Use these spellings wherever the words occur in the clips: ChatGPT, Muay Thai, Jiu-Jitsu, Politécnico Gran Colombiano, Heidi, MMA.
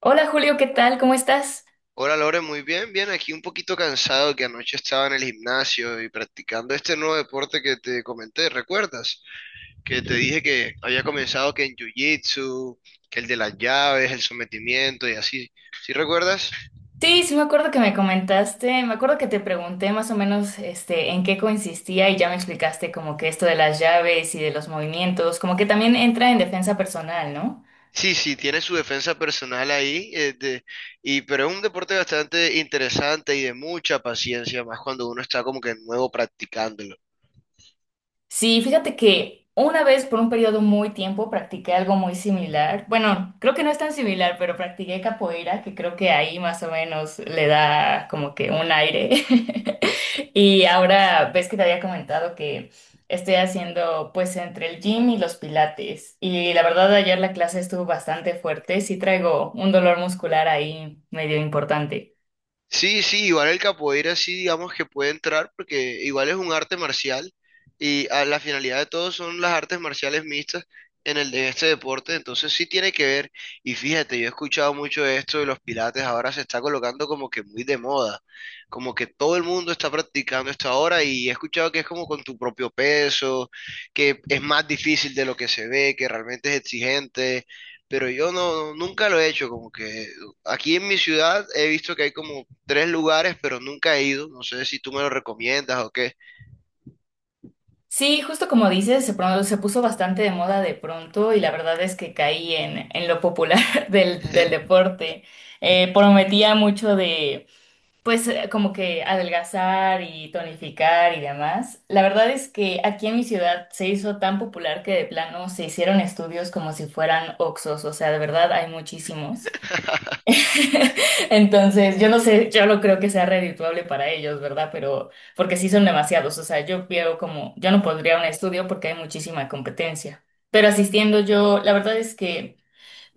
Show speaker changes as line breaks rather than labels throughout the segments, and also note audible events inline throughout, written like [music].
Hola Julio, ¿qué tal? ¿Cómo estás?
Hola Lore, muy bien, bien, aquí un poquito cansado que anoche estaba en el gimnasio y practicando este nuevo deporte que te comenté, ¿recuerdas? Que te dije que había comenzado que en jiu-jitsu, que el de las llaves, el sometimiento y así, ¿sí recuerdas?
Sí, sí me acuerdo que me comentaste, me acuerdo que te pregunté más o menos en qué consistía y ya me explicaste como que esto de las llaves y de los movimientos, como que también entra en defensa personal, ¿no?
Sí, sí, tiene su defensa personal ahí, y, pero es un deporte bastante interesante y de mucha paciencia, más cuando uno está como que nuevo practicándolo.
Sí, fíjate que una vez por un periodo muy tiempo practiqué algo muy similar. Bueno, creo que no es tan similar, pero practiqué capoeira, que creo que ahí más o menos le da como que un aire. [laughs] Y ahora ves que te había comentado que estoy haciendo pues entre el gym y los pilates. Y la verdad ayer la clase estuvo bastante fuerte, sí traigo un dolor muscular ahí medio importante.
Sí, sí, igual el capoeira sí digamos que puede entrar porque igual es un arte marcial y a la finalidad de todo son las artes marciales mixtas en este deporte, entonces sí tiene que ver. Y fíjate, yo he escuchado mucho de esto de los pilates, ahora se está colocando como que muy de moda, como que todo el mundo está practicando esto ahora y he escuchado que es como con tu propio peso, que es más difícil de lo que se ve, que realmente es exigente. Pero yo no, nunca lo he hecho, como que aquí en mi ciudad he visto que hay como tres lugares, pero nunca he ido. No sé si tú me lo recomiendas o qué.
Sí, justo como dices, se puso bastante de moda de pronto y la verdad es que caí en lo popular [laughs] del deporte. Prometía mucho de, pues, como que adelgazar y tonificar y demás. La verdad es que aquí en mi ciudad se hizo tan popular que de plano se hicieron estudios como si fueran oxos, o sea, de verdad hay muchísimos.
[laughs]
[laughs] Entonces, yo no sé, yo no creo que sea redituable para ellos, ¿verdad? Pero porque sí son demasiados, o sea, yo veo como, yo no podría un estudio porque hay muchísima competencia. Pero asistiendo yo, la verdad es que…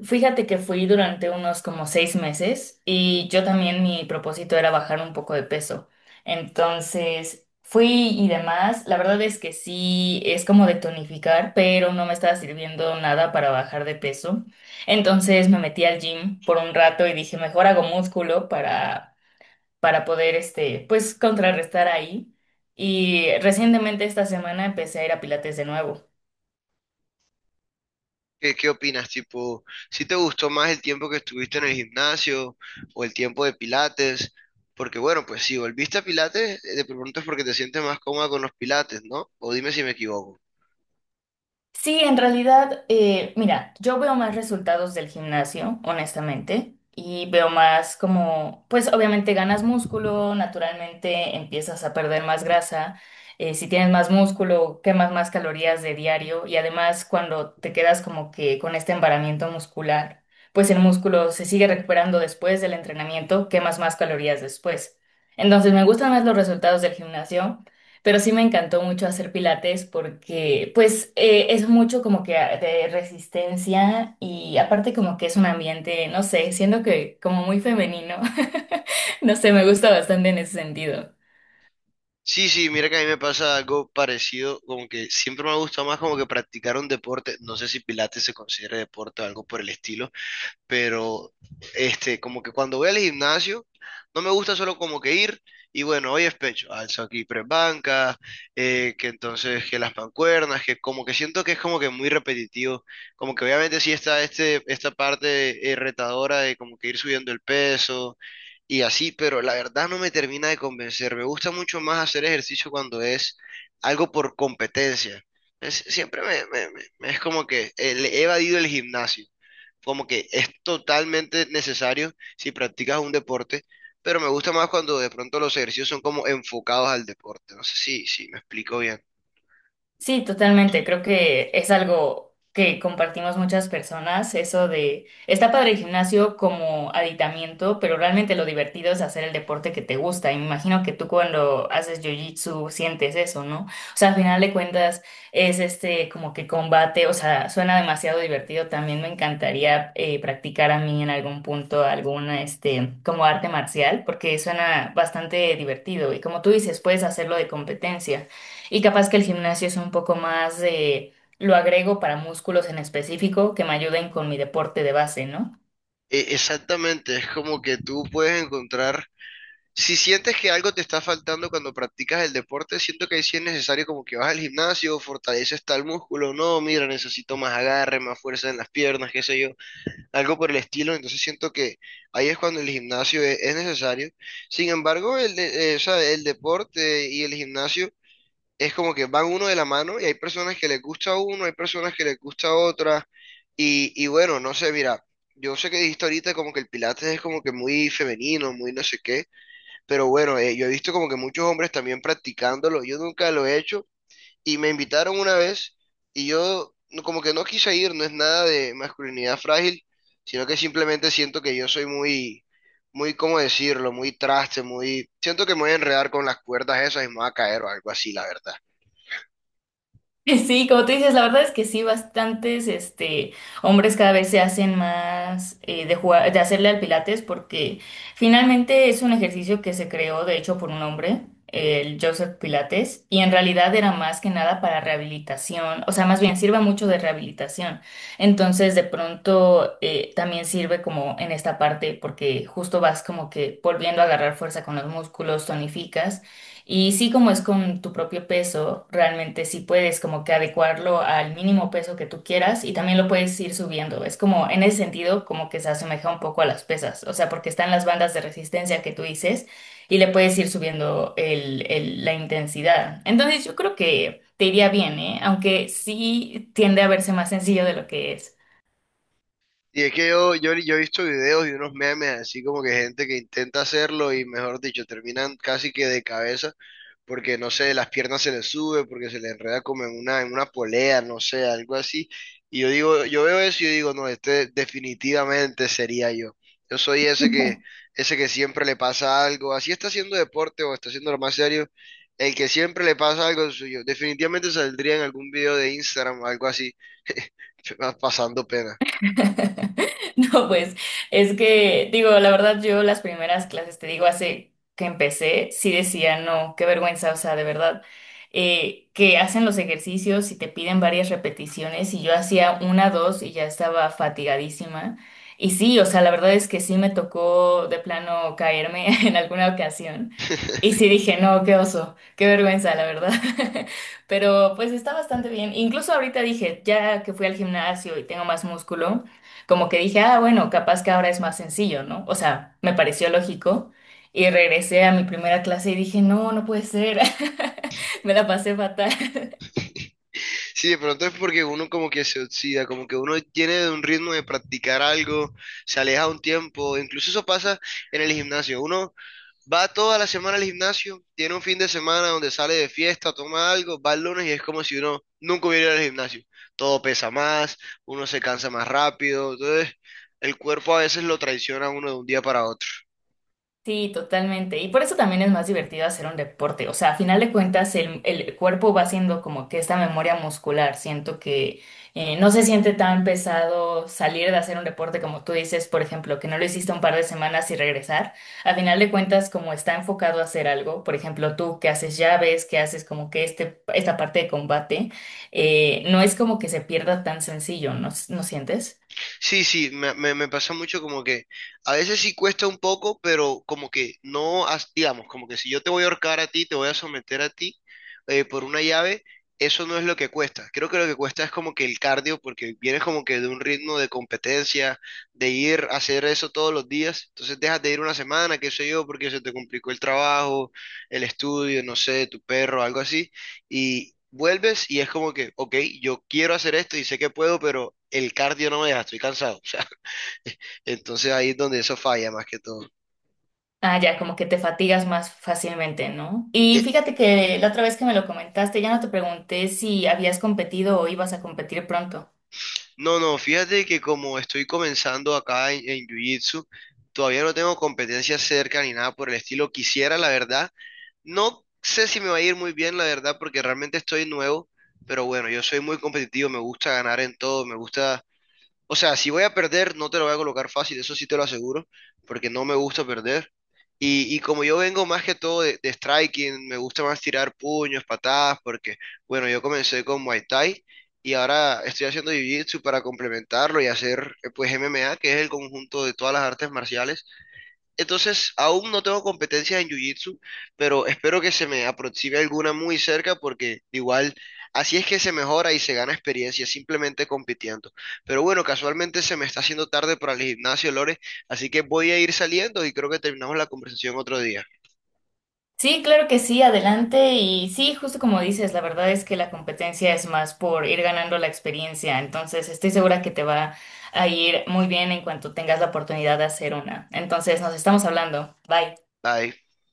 Fíjate que fui durante unos como seis meses y yo también mi propósito era bajar un poco de peso. Entonces fui y demás. La verdad es que sí, es como de tonificar, pero no me estaba sirviendo nada para bajar de peso. Entonces me metí al gym por un rato y dije, mejor hago músculo para poder, pues, contrarrestar ahí. Y recientemente esta semana empecé a ir a Pilates de nuevo.
¿Qué, qué opinas? Tipo, ¿si te gustó más el tiempo que estuviste en el gimnasio o el tiempo de Pilates? Porque bueno, pues si volviste a Pilates, de pronto es porque te sientes más cómoda con los Pilates, ¿no? O dime si me equivoco.
Sí, en realidad, mira, yo veo más resultados del gimnasio, honestamente, y veo más como, pues obviamente ganas músculo, naturalmente empiezas a perder más grasa, si tienes más músculo, quemas más calorías de diario y además cuando te quedas como que con este embaramiento muscular, pues el músculo se sigue recuperando después del entrenamiento, quemas más calorías después. Entonces me gustan más los resultados del gimnasio. Pero sí me encantó mucho hacer pilates porque pues es mucho como que de resistencia y aparte como que es un ambiente, no sé, siendo que como muy femenino, [laughs] no sé, me gusta bastante en ese sentido.
Sí, sí, mira que a mí me pasa algo parecido, como que siempre me ha gustado más como que practicar un deporte, no sé si Pilates se considera deporte o algo por el estilo, pero este, como que cuando voy al gimnasio, no me gusta solo como que ir y bueno, hoy es pecho, alzo aquí tres bancas, que entonces que las mancuernas, que como que siento que es como que muy repetitivo, como que obviamente sí está este, esta parte retadora de como que ir subiendo el peso y así, pero la verdad no me termina de convencer, me gusta mucho más hacer ejercicio cuando es algo por competencia. Siempre es como que le he evadido el gimnasio como que es totalmente necesario si practicas un deporte, pero me gusta más cuando de pronto los ejercicios son como enfocados al deporte. No sé si, si me explico bien.
Sí, totalmente. Creo que es algo que compartimos muchas personas, eso de, está padre el gimnasio como aditamiento, pero realmente lo divertido es hacer el deporte que te gusta. Y me imagino que tú cuando haces jiu-jitsu sientes eso, ¿no? O sea, al final de cuentas es como que combate, o sea, suena demasiado divertido. También me encantaría practicar a mí en algún punto alguna, como arte marcial, porque suena bastante divertido. Y como tú dices, puedes hacerlo de competencia. Y capaz que el gimnasio es un poco más de, lo agrego para músculos en específico que me ayuden con mi deporte de base, ¿no?
Exactamente, es como que tú puedes encontrar, si sientes que algo te está faltando cuando practicas el deporte, siento que ahí sí es necesario como que vas al gimnasio, fortaleces tal músculo, no, mira, necesito más agarre, más fuerza en las piernas, qué sé yo, algo por el estilo, entonces siento que ahí es cuando el gimnasio es necesario. Sin embargo, o sea, el deporte y el gimnasio es como que van uno de la mano y hay personas que les gusta uno, hay personas que les gusta otra, y bueno, no sé, mira, yo sé que dijiste ahorita como que el pilates es como que muy femenino, muy no sé qué, pero bueno, yo he visto como que muchos hombres también practicándolo, yo nunca lo he hecho. Y me invitaron una vez y yo no- como que no quise ir, no es nada de masculinidad frágil, sino que simplemente siento que yo soy muy, muy, ¿cómo decirlo? Muy traste, muy... Siento que me voy a enredar con las cuerdas esas y me voy a caer o algo así, la verdad.
[laughs] Sí, como tú dices, la verdad es que sí, bastantes hombres cada vez se hacen más de jugar, de hacerle al Pilates porque finalmente es un ejercicio que se creó, de hecho, por un hombre, el Joseph Pilates, y en realidad era más que nada para rehabilitación, o sea, más bien sirve mucho de rehabilitación. Entonces, de pronto también sirve como en esta parte porque justo vas como que volviendo a agarrar fuerza con los músculos, tonificas. Y sí, como es con tu propio peso, realmente sí puedes como que adecuarlo al mínimo peso que tú quieras y también lo puedes ir subiendo. Es como en ese sentido como que se asemeja un poco a las pesas, o sea, porque están las bandas de resistencia que tú dices y le puedes ir subiendo la intensidad. Entonces yo creo que te iría bien, ¿eh? Aunque sí tiende a verse más sencillo de lo que es.
Y es que yo he visto videos y unos memes así como que gente que intenta hacerlo y mejor dicho, terminan casi que de cabeza porque no sé, las piernas se les sube, porque se les enreda como en una polea, no sé, algo así. Y yo digo, yo veo eso y yo digo, no, este definitivamente sería yo. Yo soy ese que siempre le pasa algo, así está haciendo deporte o está haciendo lo más serio, el que siempre le pasa algo suyo. Definitivamente saldría en algún video de Instagram o algo así, [laughs] pasando pena.
[laughs] [laughs] No, pues es que, digo, la verdad, yo las primeras clases, te digo, hace que empecé, sí decía, no, qué vergüenza, o sea, de verdad, que hacen los ejercicios y te piden varias repeticiones y yo hacía una, dos y ya estaba fatigadísima. Y sí, o sea, la verdad es que sí me tocó de plano caerme [laughs] en alguna ocasión. Y sí dije, no, qué oso, qué vergüenza, la verdad. [laughs] Pero pues está bastante bien. Incluso ahorita dije, ya que fui al gimnasio y tengo más músculo. Como que dije, ah, bueno, capaz que ahora es más sencillo, ¿no? O sea, me pareció lógico. Y regresé a mi primera clase y dije, no, no puede ser. [laughs] Me la pasé fatal.
Sí, de pronto es porque uno como que se oxida, como que uno tiene un ritmo de practicar algo, se aleja un tiempo, incluso eso pasa en el gimnasio. Uno va toda la semana al gimnasio, tiene un fin de semana donde sale de fiesta, toma algo, va el lunes y es como si uno nunca hubiera ido al gimnasio. Todo pesa más, uno se cansa más rápido, entonces el cuerpo a veces lo traiciona a uno de un día para otro.
Sí, totalmente. Y por eso también es más divertido hacer un deporte. O sea, a final de cuentas, el cuerpo va haciendo como que esta memoria muscular. Siento que no se siente tan pesado salir de hacer un deporte como tú dices, por ejemplo, que no lo hiciste un par de semanas y regresar. A final de cuentas, como está enfocado a hacer algo, por ejemplo, tú que haces llaves, que haces como que esta parte de combate, no es como que se pierda tan sencillo, ¿no, no sientes?
Sí, sí, me pasa mucho como que a veces sí cuesta un poco, pero como que no, digamos, como que si yo te voy a ahorcar a ti, te voy a someter a ti por una llave, eso no es lo que cuesta. Creo que lo que cuesta es como que el cardio, porque vienes como que de un ritmo de competencia, de ir a hacer eso todos los días, entonces dejas de ir una semana, qué sé yo, porque se te complicó el trabajo, el estudio, no sé, tu perro, algo así y vuelves y es como que, ok, yo quiero hacer esto y sé que puedo, pero el cardio no me deja, estoy cansado. [laughs] O sea, entonces ahí es donde eso falla más que todo.
Ah, ya, como que te fatigas más fácilmente, ¿no? Y
Eh,
fíjate que la otra vez que me lo comentaste, ya no te pregunté si habías competido o ibas a competir pronto.
no, no, fíjate que como estoy comenzando acá en Jiu-Jitsu, todavía no tengo competencias cerca ni nada por el estilo. Quisiera, la verdad, no sé si me va a ir muy bien, la verdad, porque realmente estoy nuevo. Pero bueno, yo soy muy competitivo, me gusta ganar en todo, me gusta. O sea, si voy a perder, no te lo voy a colocar fácil, eso sí te lo aseguro, porque no me gusta perder. Y como yo vengo más que todo de striking, me gusta más tirar puños, patadas, porque, bueno, yo comencé con Muay Thai y ahora estoy haciendo Jiu-Jitsu para complementarlo y hacer, pues, MMA, que es el conjunto de todas las artes marciales, entonces, aún no tengo competencias en Jiu-Jitsu, pero espero que se me aproxime alguna muy cerca porque igual así es que se mejora y se gana experiencia simplemente compitiendo. Pero bueno, casualmente se me está haciendo tarde para el gimnasio, Lore, así que voy a ir saliendo y creo que terminamos la conversación otro día.
Sí, claro que sí, adelante. Y sí, justo como dices, la verdad es que la competencia es más por ir ganando la experiencia. Entonces, estoy segura que te va a ir muy bien en cuanto tengas la oportunidad de hacer una. Entonces, nos estamos hablando. Bye.
Bye.